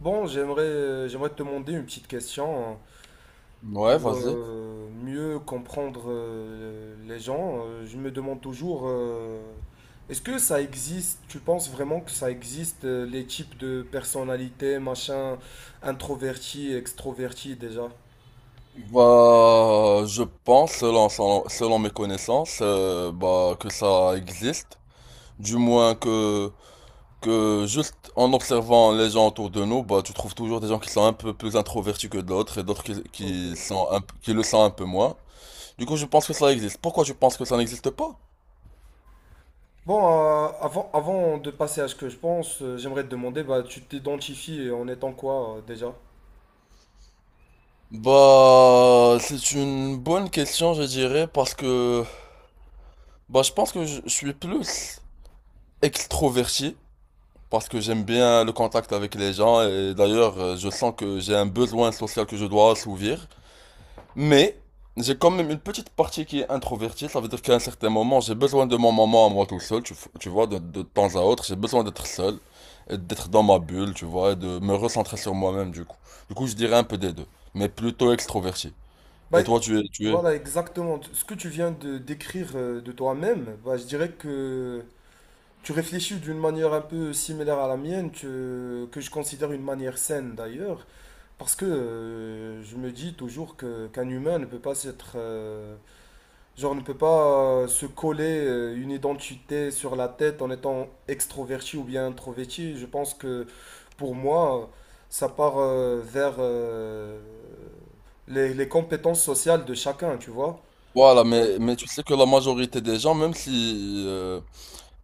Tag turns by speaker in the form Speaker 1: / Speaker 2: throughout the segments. Speaker 1: Bon, j'aimerais j'aimerais te demander une petite question hein,
Speaker 2: Ouais,
Speaker 1: pour
Speaker 2: vas-y.
Speaker 1: mieux comprendre les gens. Je me demande toujours, est-ce que ça existe, tu penses vraiment que ça existe, les types de personnalités, machin, introverti, extroverti déjà?
Speaker 2: Bah, je pense, selon mes connaissances, bah, que ça existe. Du moins que, que juste en observant les gens autour de nous, bah, tu trouves toujours des gens qui sont un peu plus introvertis que d'autres et d'autres
Speaker 1: Ok.
Speaker 2: qui sont qui le sont un peu moins. Du coup, je pense que ça existe. Pourquoi je pense que ça n'existe pas?
Speaker 1: Bon, avant de passer à ce que je pense, j'aimerais te demander, bah, tu t'identifies en étant quoi déjà?
Speaker 2: Bah, c'est une bonne question, je dirais, parce que, bah, je pense que je suis plus extroverti. Parce que j'aime bien le contact avec les gens et d'ailleurs je sens que j'ai un besoin social que je dois assouvir. Mais j'ai quand même une petite partie qui est introvertie, ça veut dire qu'à un certain moment j'ai besoin de mon moment à moi tout seul, tu vois, de temps à autre, j'ai besoin d'être seul et d'être dans ma bulle, tu vois, et de me recentrer sur moi-même du coup. Du coup je dirais un peu des deux, mais plutôt extroverti.
Speaker 1: Bah,
Speaker 2: Et toi tu es?
Speaker 1: voilà, exactement. Ce que tu viens de décrire de toi-même, bah, je dirais que tu réfléchis d'une manière un peu similaire à la mienne, que je considère une manière saine d'ailleurs, parce que je me dis toujours que qu'un humain ne peut pas s'être genre, on ne peut pas se coller une identité sur la tête en étant extroverti ou bien introverti. Je pense que pour moi, ça part vers les compétences sociales de chacun, tu vois.
Speaker 2: Voilà,
Speaker 1: Euh,
Speaker 2: mais tu sais que la majorité des gens, même si,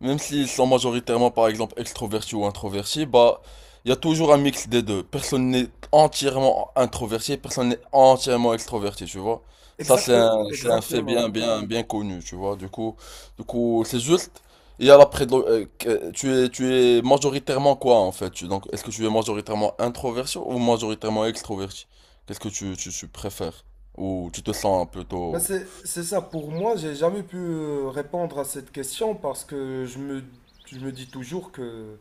Speaker 2: même s'ils sont majoritairement, par exemple, extrovertis ou introvertis, bah, il y a toujours un mix des deux. Personne n'est entièrement introverti, et personne n'est entièrement extroverti, tu vois. Ça,
Speaker 1: Exact,
Speaker 2: c'est un fait
Speaker 1: exactement.
Speaker 2: bien connu, tu vois. Du coup, c'est juste, il y a la tu es majoritairement quoi, en fait? Donc, est-ce que tu es majoritairement introverti ou majoritairement extroverti? Qu'est-ce que tu préfères? Ou tu te sens
Speaker 1: Ben,
Speaker 2: plutôt…
Speaker 1: c'est ça, pour moi, j'ai jamais pu répondre à cette question parce que je me dis toujours que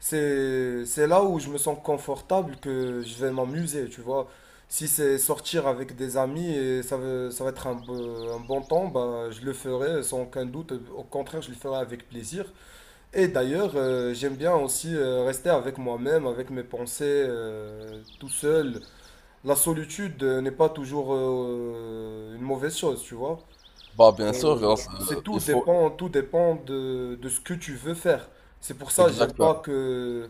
Speaker 1: C'est là où je me sens confortable que je vais m'amuser, tu vois. Si c'est sortir avec des amis et ça, ça va être un bon temps, bah, je le ferai sans aucun doute. Au contraire, je le ferai avec plaisir. Et d'ailleurs, j'aime bien aussi rester avec moi-même, avec mes pensées, tout seul. La solitude n'est pas toujours une mauvaise chose, tu vois.
Speaker 2: Bah, bien sûr,
Speaker 1: Tout dépend de ce que tu veux faire. C'est pour ça que j'aime
Speaker 2: exactement.
Speaker 1: pas que,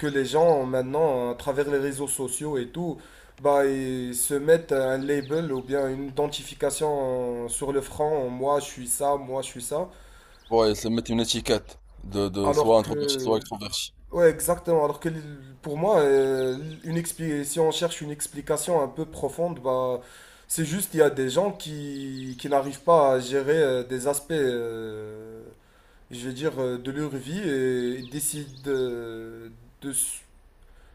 Speaker 1: que les gens maintenant, à travers les réseaux sociaux et tout, bah, ils se mettent un label ou bien une identification sur le front. Moi, je suis ça, moi, je suis ça.
Speaker 2: Ouais, se mettre une étiquette de soit
Speaker 1: Alors
Speaker 2: introverti,
Speaker 1: que,
Speaker 2: soit extroverti,
Speaker 1: ouais, exactement. Pour moi, si on cherche une explication un peu profonde, bah, c'est juste qu'il y a des gens qui n'arrivent pas à gérer des aspects. Je vais dire, de leur vie et ils décident de, s-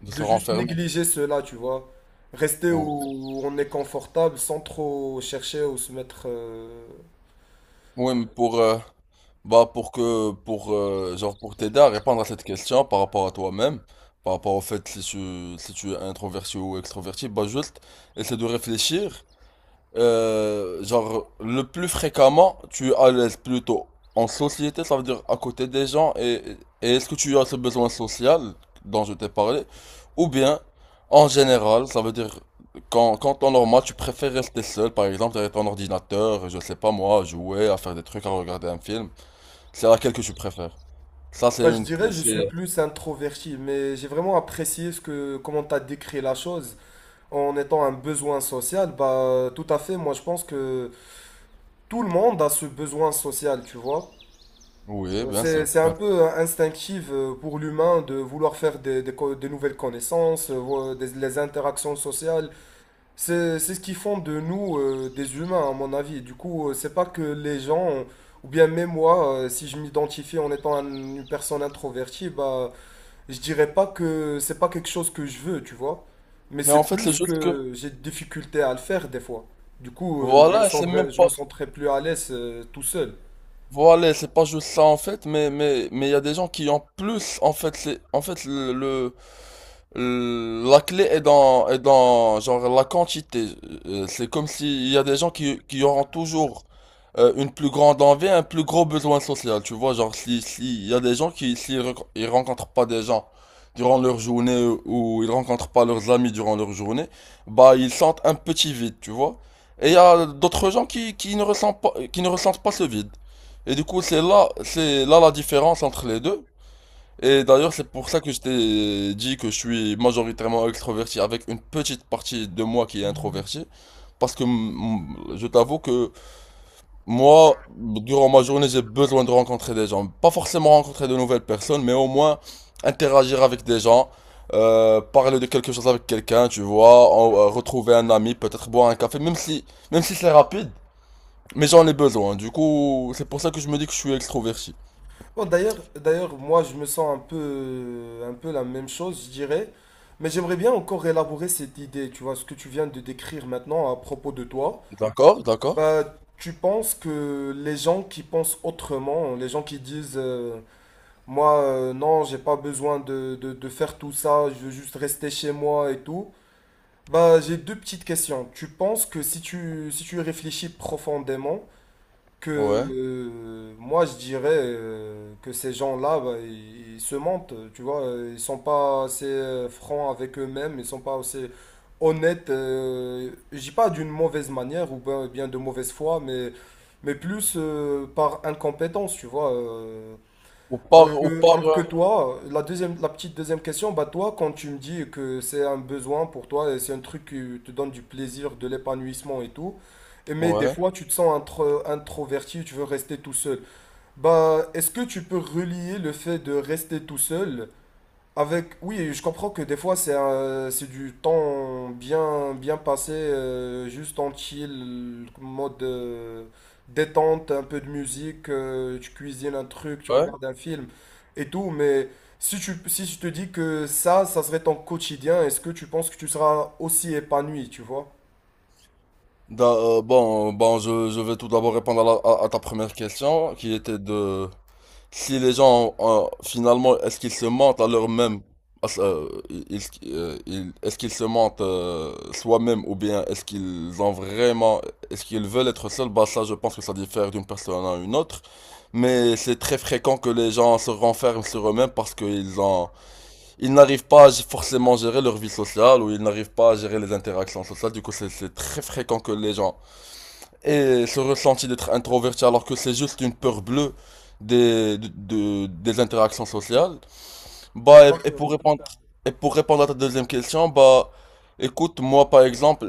Speaker 2: de
Speaker 1: de
Speaker 2: se
Speaker 1: juste
Speaker 2: renfermer.
Speaker 1: négliger cela, tu vois. Rester où
Speaker 2: Ouais.
Speaker 1: où on est confortable sans trop chercher ou se mettre...
Speaker 2: Ouais, mais pour, euh, bah, pour que, pour, genre, pour t'aider à répondre à cette question par rapport à toi-même, par rapport au fait si tu es introverti ou extroverti, bah, juste essaie de réfléchir. Le plus fréquemment, tu es à l'aise plutôt en société, ça veut dire à côté des gens, et est-ce que tu as ce besoin social dont je t'ai parlé, ou bien en général, ça veut dire quand temps normal, tu préfères rester seul, par exemple, derrière ton ordinateur, je sais pas moi, à jouer, à faire des trucs, à regarder un film, c'est laquelle que tu préfères. Ça, c'est
Speaker 1: Bah, je
Speaker 2: une.
Speaker 1: dirais, je suis
Speaker 2: C'est…
Speaker 1: plus introverti, mais j'ai vraiment apprécié comment tu as décrit la chose. En étant un besoin social, bah, tout à fait, moi je pense que tout le monde a ce besoin social, tu vois.
Speaker 2: Oui, bien sûr,
Speaker 1: C'est un
Speaker 2: bien sûr.
Speaker 1: peu instinctif pour l'humain de vouloir faire des nouvelles connaissances, les interactions sociales. C'est ce qui font de nous des humains, à mon avis. Du coup, c'est pas que les gens, ou bien même moi, si je m'identifie en étant une personne introvertie, bah, je dirais pas que c'est pas quelque chose que je veux, tu vois. Mais
Speaker 2: Mais
Speaker 1: c'est
Speaker 2: en fait, c'est
Speaker 1: plus
Speaker 2: juste que.
Speaker 1: que j'ai des difficultés à le faire des fois. Du coup,
Speaker 2: Voilà, et c'est même
Speaker 1: je
Speaker 2: pas.
Speaker 1: me sentirais plus à l'aise tout seul.
Speaker 2: Voilà, c'est pas juste ça en fait, mais mais il y a des gens qui ont plus en fait c'est en fait la clé est dans genre la quantité. C'est comme s'il y a des gens qui auront toujours une plus grande envie, un plus gros besoin social, tu vois, genre si il y a des gens ils rencontrent pas des gens durant leur journée ou ils rencontrent pas leurs amis durant leur journée, bah ils sentent un petit vide, tu vois. Et il y a d'autres gens qui ne ressentent pas qui ne ressentent pas ce vide. Et du coup, c'est là la différence entre les deux. Et d'ailleurs, c'est pour ça que je t'ai dit que je suis majoritairement extroverti avec une petite partie de moi qui est introverti. Parce que je t'avoue que moi, durant ma journée, j'ai besoin de rencontrer des gens. Pas forcément rencontrer de nouvelles personnes, mais au moins interagir avec des gens, parler de quelque chose avec quelqu'un, tu vois, retrouver un ami, peut-être boire un café, même si c'est rapide, mais j'en ai besoin. Du coup, c'est pour ça que je me dis que je suis extroverti.
Speaker 1: Bon, d'ailleurs, moi, je me sens un peu la même chose, je dirais. Mais j'aimerais bien encore élaborer cette idée, tu vois, ce que tu viens de décrire maintenant à propos de toi.
Speaker 2: D'accord, d'accord.
Speaker 1: Bah, tu penses que les gens qui pensent autrement, les gens qui disent, moi, non, j'ai pas besoin de faire tout ça, je veux juste rester chez moi et tout. Bah, j'ai deux petites questions. Tu penses que si tu y réfléchis profondément, que
Speaker 2: Ouais.
Speaker 1: moi je dirais que ces gens-là bah, ils se mentent tu vois ils sont pas assez francs avec eux-mêmes ils sont pas assez honnêtes je dis pas d'une mauvaise manière ou bien de mauvaise foi mais plus par incompétence tu vois
Speaker 2: Au
Speaker 1: alors
Speaker 2: part, au
Speaker 1: que,
Speaker 2: part,
Speaker 1: alors que
Speaker 2: euh,
Speaker 1: toi, la deuxième, la petite deuxième question, bah toi, quand tu me dis que c'est un besoin pour toi et c'est un truc qui te donne du plaisir, de l'épanouissement et tout, et mais des
Speaker 2: ouais,
Speaker 1: fois tu te sens introverti, tu veux rester tout seul. Bah, est-ce que tu peux relier le fait de rester tout seul avec, oui, je comprends que des fois c'est du temps bien bien passé, juste en chill, mode détente, un peu de musique, tu cuisines un truc, tu
Speaker 2: ouais.
Speaker 1: regardes un film et tout. Mais si tu si je te dis que ça serait ton quotidien, est-ce que tu penses que tu seras aussi épanoui, tu vois?
Speaker 2: Bon, je vais tout d'abord répondre à, à ta première question, qui était de si les gens, finalement, est-ce qu'ils se mentent à leur même, est-ce euh, est-ce qu'ils se mentent soi-même ou bien est-ce qu'ils ont vraiment, est-ce qu'ils veulent être seuls? Bah ça, je pense que ça diffère d'une personne à une autre, mais c'est très fréquent que les gens se renferment sur eux-mêmes parce qu'ils ont ils n'arrivent pas à forcément à gérer leur vie sociale ou ils n'arrivent pas à gérer les interactions sociales. Du coup, c'est très fréquent que les gens aient ce ressenti d'être introverti alors que c'est juste une peur bleue des interactions sociales. Bah, et, et pour
Speaker 1: Exactement.
Speaker 2: répondre, et pour répondre à ta deuxième question, bah, écoute, moi par exemple,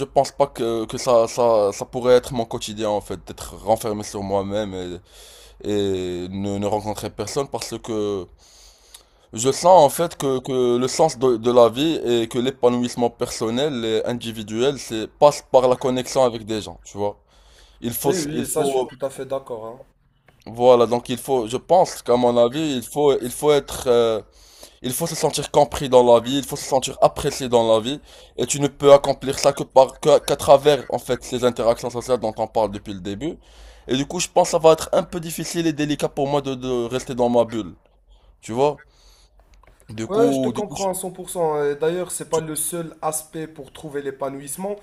Speaker 2: je pense pas ça pourrait être mon quotidien en fait, d'être renfermé sur moi-même et, ne rencontrer personne parce que je sens en fait que le sens de la vie et que l'épanouissement personnel et individuel, c'est passe par la connexion avec des gens, tu vois. Il faut,
Speaker 1: Oui,
Speaker 2: s-
Speaker 1: oui,
Speaker 2: il
Speaker 1: ça je suis
Speaker 2: faut,
Speaker 1: tout à fait d'accord, hein.
Speaker 2: voilà, donc il faut, je pense qu'à mon avis, il faut être, il faut se sentir compris dans la vie, il faut se sentir apprécié dans la vie, et tu ne peux accomplir ça qu'à travers en fait ces interactions sociales dont on parle depuis le début. Et du coup, je pense que ça va être un peu difficile et délicat pour moi de rester dans ma bulle, tu vois. Du
Speaker 1: Ouais, je te
Speaker 2: coup, du coup, je-
Speaker 1: comprends à 100%. D'ailleurs, c'est pas le seul aspect pour trouver l'épanouissement,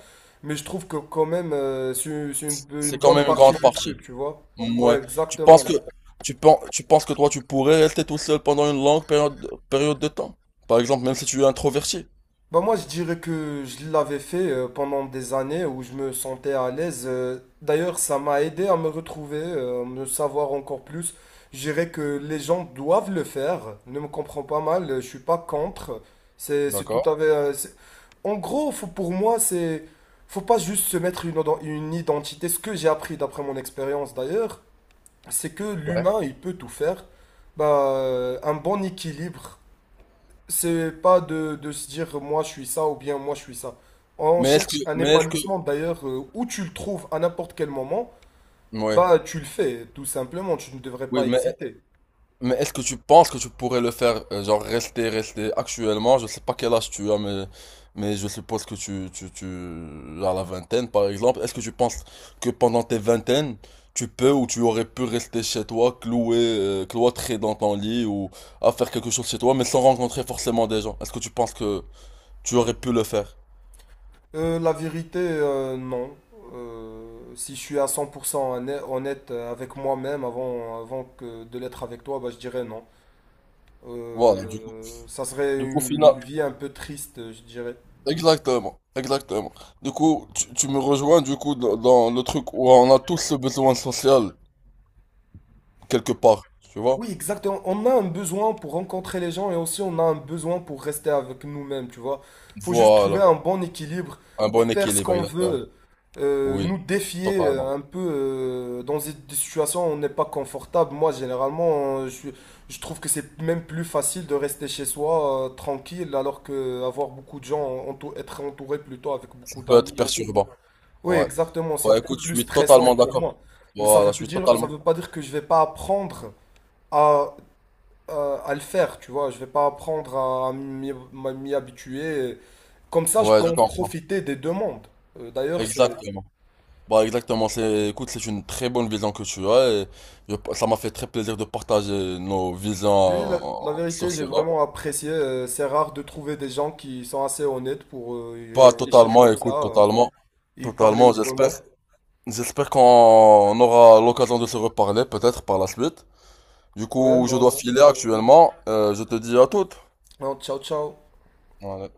Speaker 1: mais je trouve que quand même, c'est une
Speaker 2: C'est quand
Speaker 1: bonne
Speaker 2: même une
Speaker 1: partie
Speaker 2: grande
Speaker 1: du truc,
Speaker 2: partie.
Speaker 1: tu vois. Ouais,
Speaker 2: Ouais. Tu
Speaker 1: exactement.
Speaker 2: penses que
Speaker 1: Hein.
Speaker 2: tu penses que toi tu pourrais rester tout seul pendant une longue période, période de temps. Par exemple, même si tu es introverti.
Speaker 1: Bah moi, je dirais que je l'avais fait pendant des années où je me sentais à l'aise. D'ailleurs, ça m'a aidé à me retrouver, à me savoir encore plus. Je dirais que les gens doivent le faire. Ne me comprends pas mal, je suis pas contre. C'est tout
Speaker 2: D'accord.
Speaker 1: à fait... En gros, pour moi, c'est... Faut pas juste se mettre une identité. Ce que j'ai appris d'après mon expérience d'ailleurs, c'est que
Speaker 2: Ouais.
Speaker 1: l'humain, il peut tout faire. Bah, un bon équilibre. C'est pas de se dire moi je suis ça ou bien moi je suis ça. On cherche un
Speaker 2: Mais est-ce que
Speaker 1: épanouissement d'ailleurs où tu le trouves à n'importe quel moment,
Speaker 2: ouais.
Speaker 1: bah tu le fais tout simplement, tu ne devrais
Speaker 2: Oui,
Speaker 1: pas
Speaker 2: mais
Speaker 1: hésiter.
Speaker 2: Mais est-ce que tu penses que tu pourrais le faire, rester actuellement? Je sais pas quel âge tu as, mais je suppose que tu as la vingtaine, par exemple. Est-ce que tu penses que pendant tes vingtaines, tu peux ou tu aurais pu rester chez toi, cloué, cloîtré dans ton lit ou à faire quelque chose chez toi, mais sans rencontrer forcément des gens? Est-ce que tu penses que tu aurais pu le faire?
Speaker 1: La vérité, non. Si je suis à 100% honnête avec moi-même avant que de l'être avec toi, bah je dirais non.
Speaker 2: Voilà,
Speaker 1: Ça serait
Speaker 2: du coup, final-
Speaker 1: une vie un peu triste, je dirais.
Speaker 2: exactement, exactement. Du coup, tu me rejoins du coup dans le truc où on a tous ce besoin social quelque part, tu vois?
Speaker 1: Oui, exactement. On a un besoin pour rencontrer les gens et aussi on a un besoin pour rester avec nous-mêmes, tu vois. Faut juste trouver
Speaker 2: Voilà,
Speaker 1: un bon équilibre,
Speaker 2: un bon
Speaker 1: faire ce
Speaker 2: équilibre,
Speaker 1: qu'on
Speaker 2: exactement.
Speaker 1: veut,
Speaker 2: Oui,
Speaker 1: nous défier euh,
Speaker 2: totalement.
Speaker 1: un peu euh, dans des situations où on n'est pas confortable. Moi, généralement, je trouve que c'est même plus facile de rester chez soi, tranquille, alors que avoir beaucoup de gens, être entouré plutôt avec
Speaker 2: Ça
Speaker 1: beaucoup
Speaker 2: peut être
Speaker 1: d'amis et tout.
Speaker 2: perturbant,
Speaker 1: Oui,
Speaker 2: ouais.
Speaker 1: exactement. C'est
Speaker 2: Bah
Speaker 1: beaucoup
Speaker 2: écoute, je
Speaker 1: plus
Speaker 2: suis
Speaker 1: stressant
Speaker 2: totalement
Speaker 1: pour
Speaker 2: d'accord.
Speaker 1: moi. Mais
Speaker 2: Voilà, je suis
Speaker 1: ça
Speaker 2: totalement.
Speaker 1: veut pas dire que je vais pas apprendre à à le faire, tu vois. Je vais pas apprendre à m'y m'y habituer. Comme ça, je
Speaker 2: Ouais,
Speaker 1: peux
Speaker 2: je
Speaker 1: en
Speaker 2: comprends.
Speaker 1: profiter des deux mondes. D'ailleurs, c'est
Speaker 2: Exactement. Bah exactement, c'est, écoute, c'est une très bonne vision que tu as et ça m'a fait très plaisir de partager nos
Speaker 1: oui, la
Speaker 2: visions sur
Speaker 1: vérité, j'ai
Speaker 2: cela.
Speaker 1: vraiment apprécié. C'est rare de trouver des gens qui sont assez honnêtes pour y
Speaker 2: Pas
Speaker 1: réfléchir
Speaker 2: totalement,
Speaker 1: comme ça
Speaker 2: écoute, totalement.
Speaker 1: et y parler
Speaker 2: Totalement, j'espère.
Speaker 1: ouvertement.
Speaker 2: J'espère qu'on aura l'occasion de se reparler peut-être par la suite. Du
Speaker 1: Ouais,
Speaker 2: coup, je
Speaker 1: moi
Speaker 2: dois
Speaker 1: aussi.
Speaker 2: filer actuellement. Je te dis à toutes.
Speaker 1: Alors, ciao, ciao.
Speaker 2: Voilà.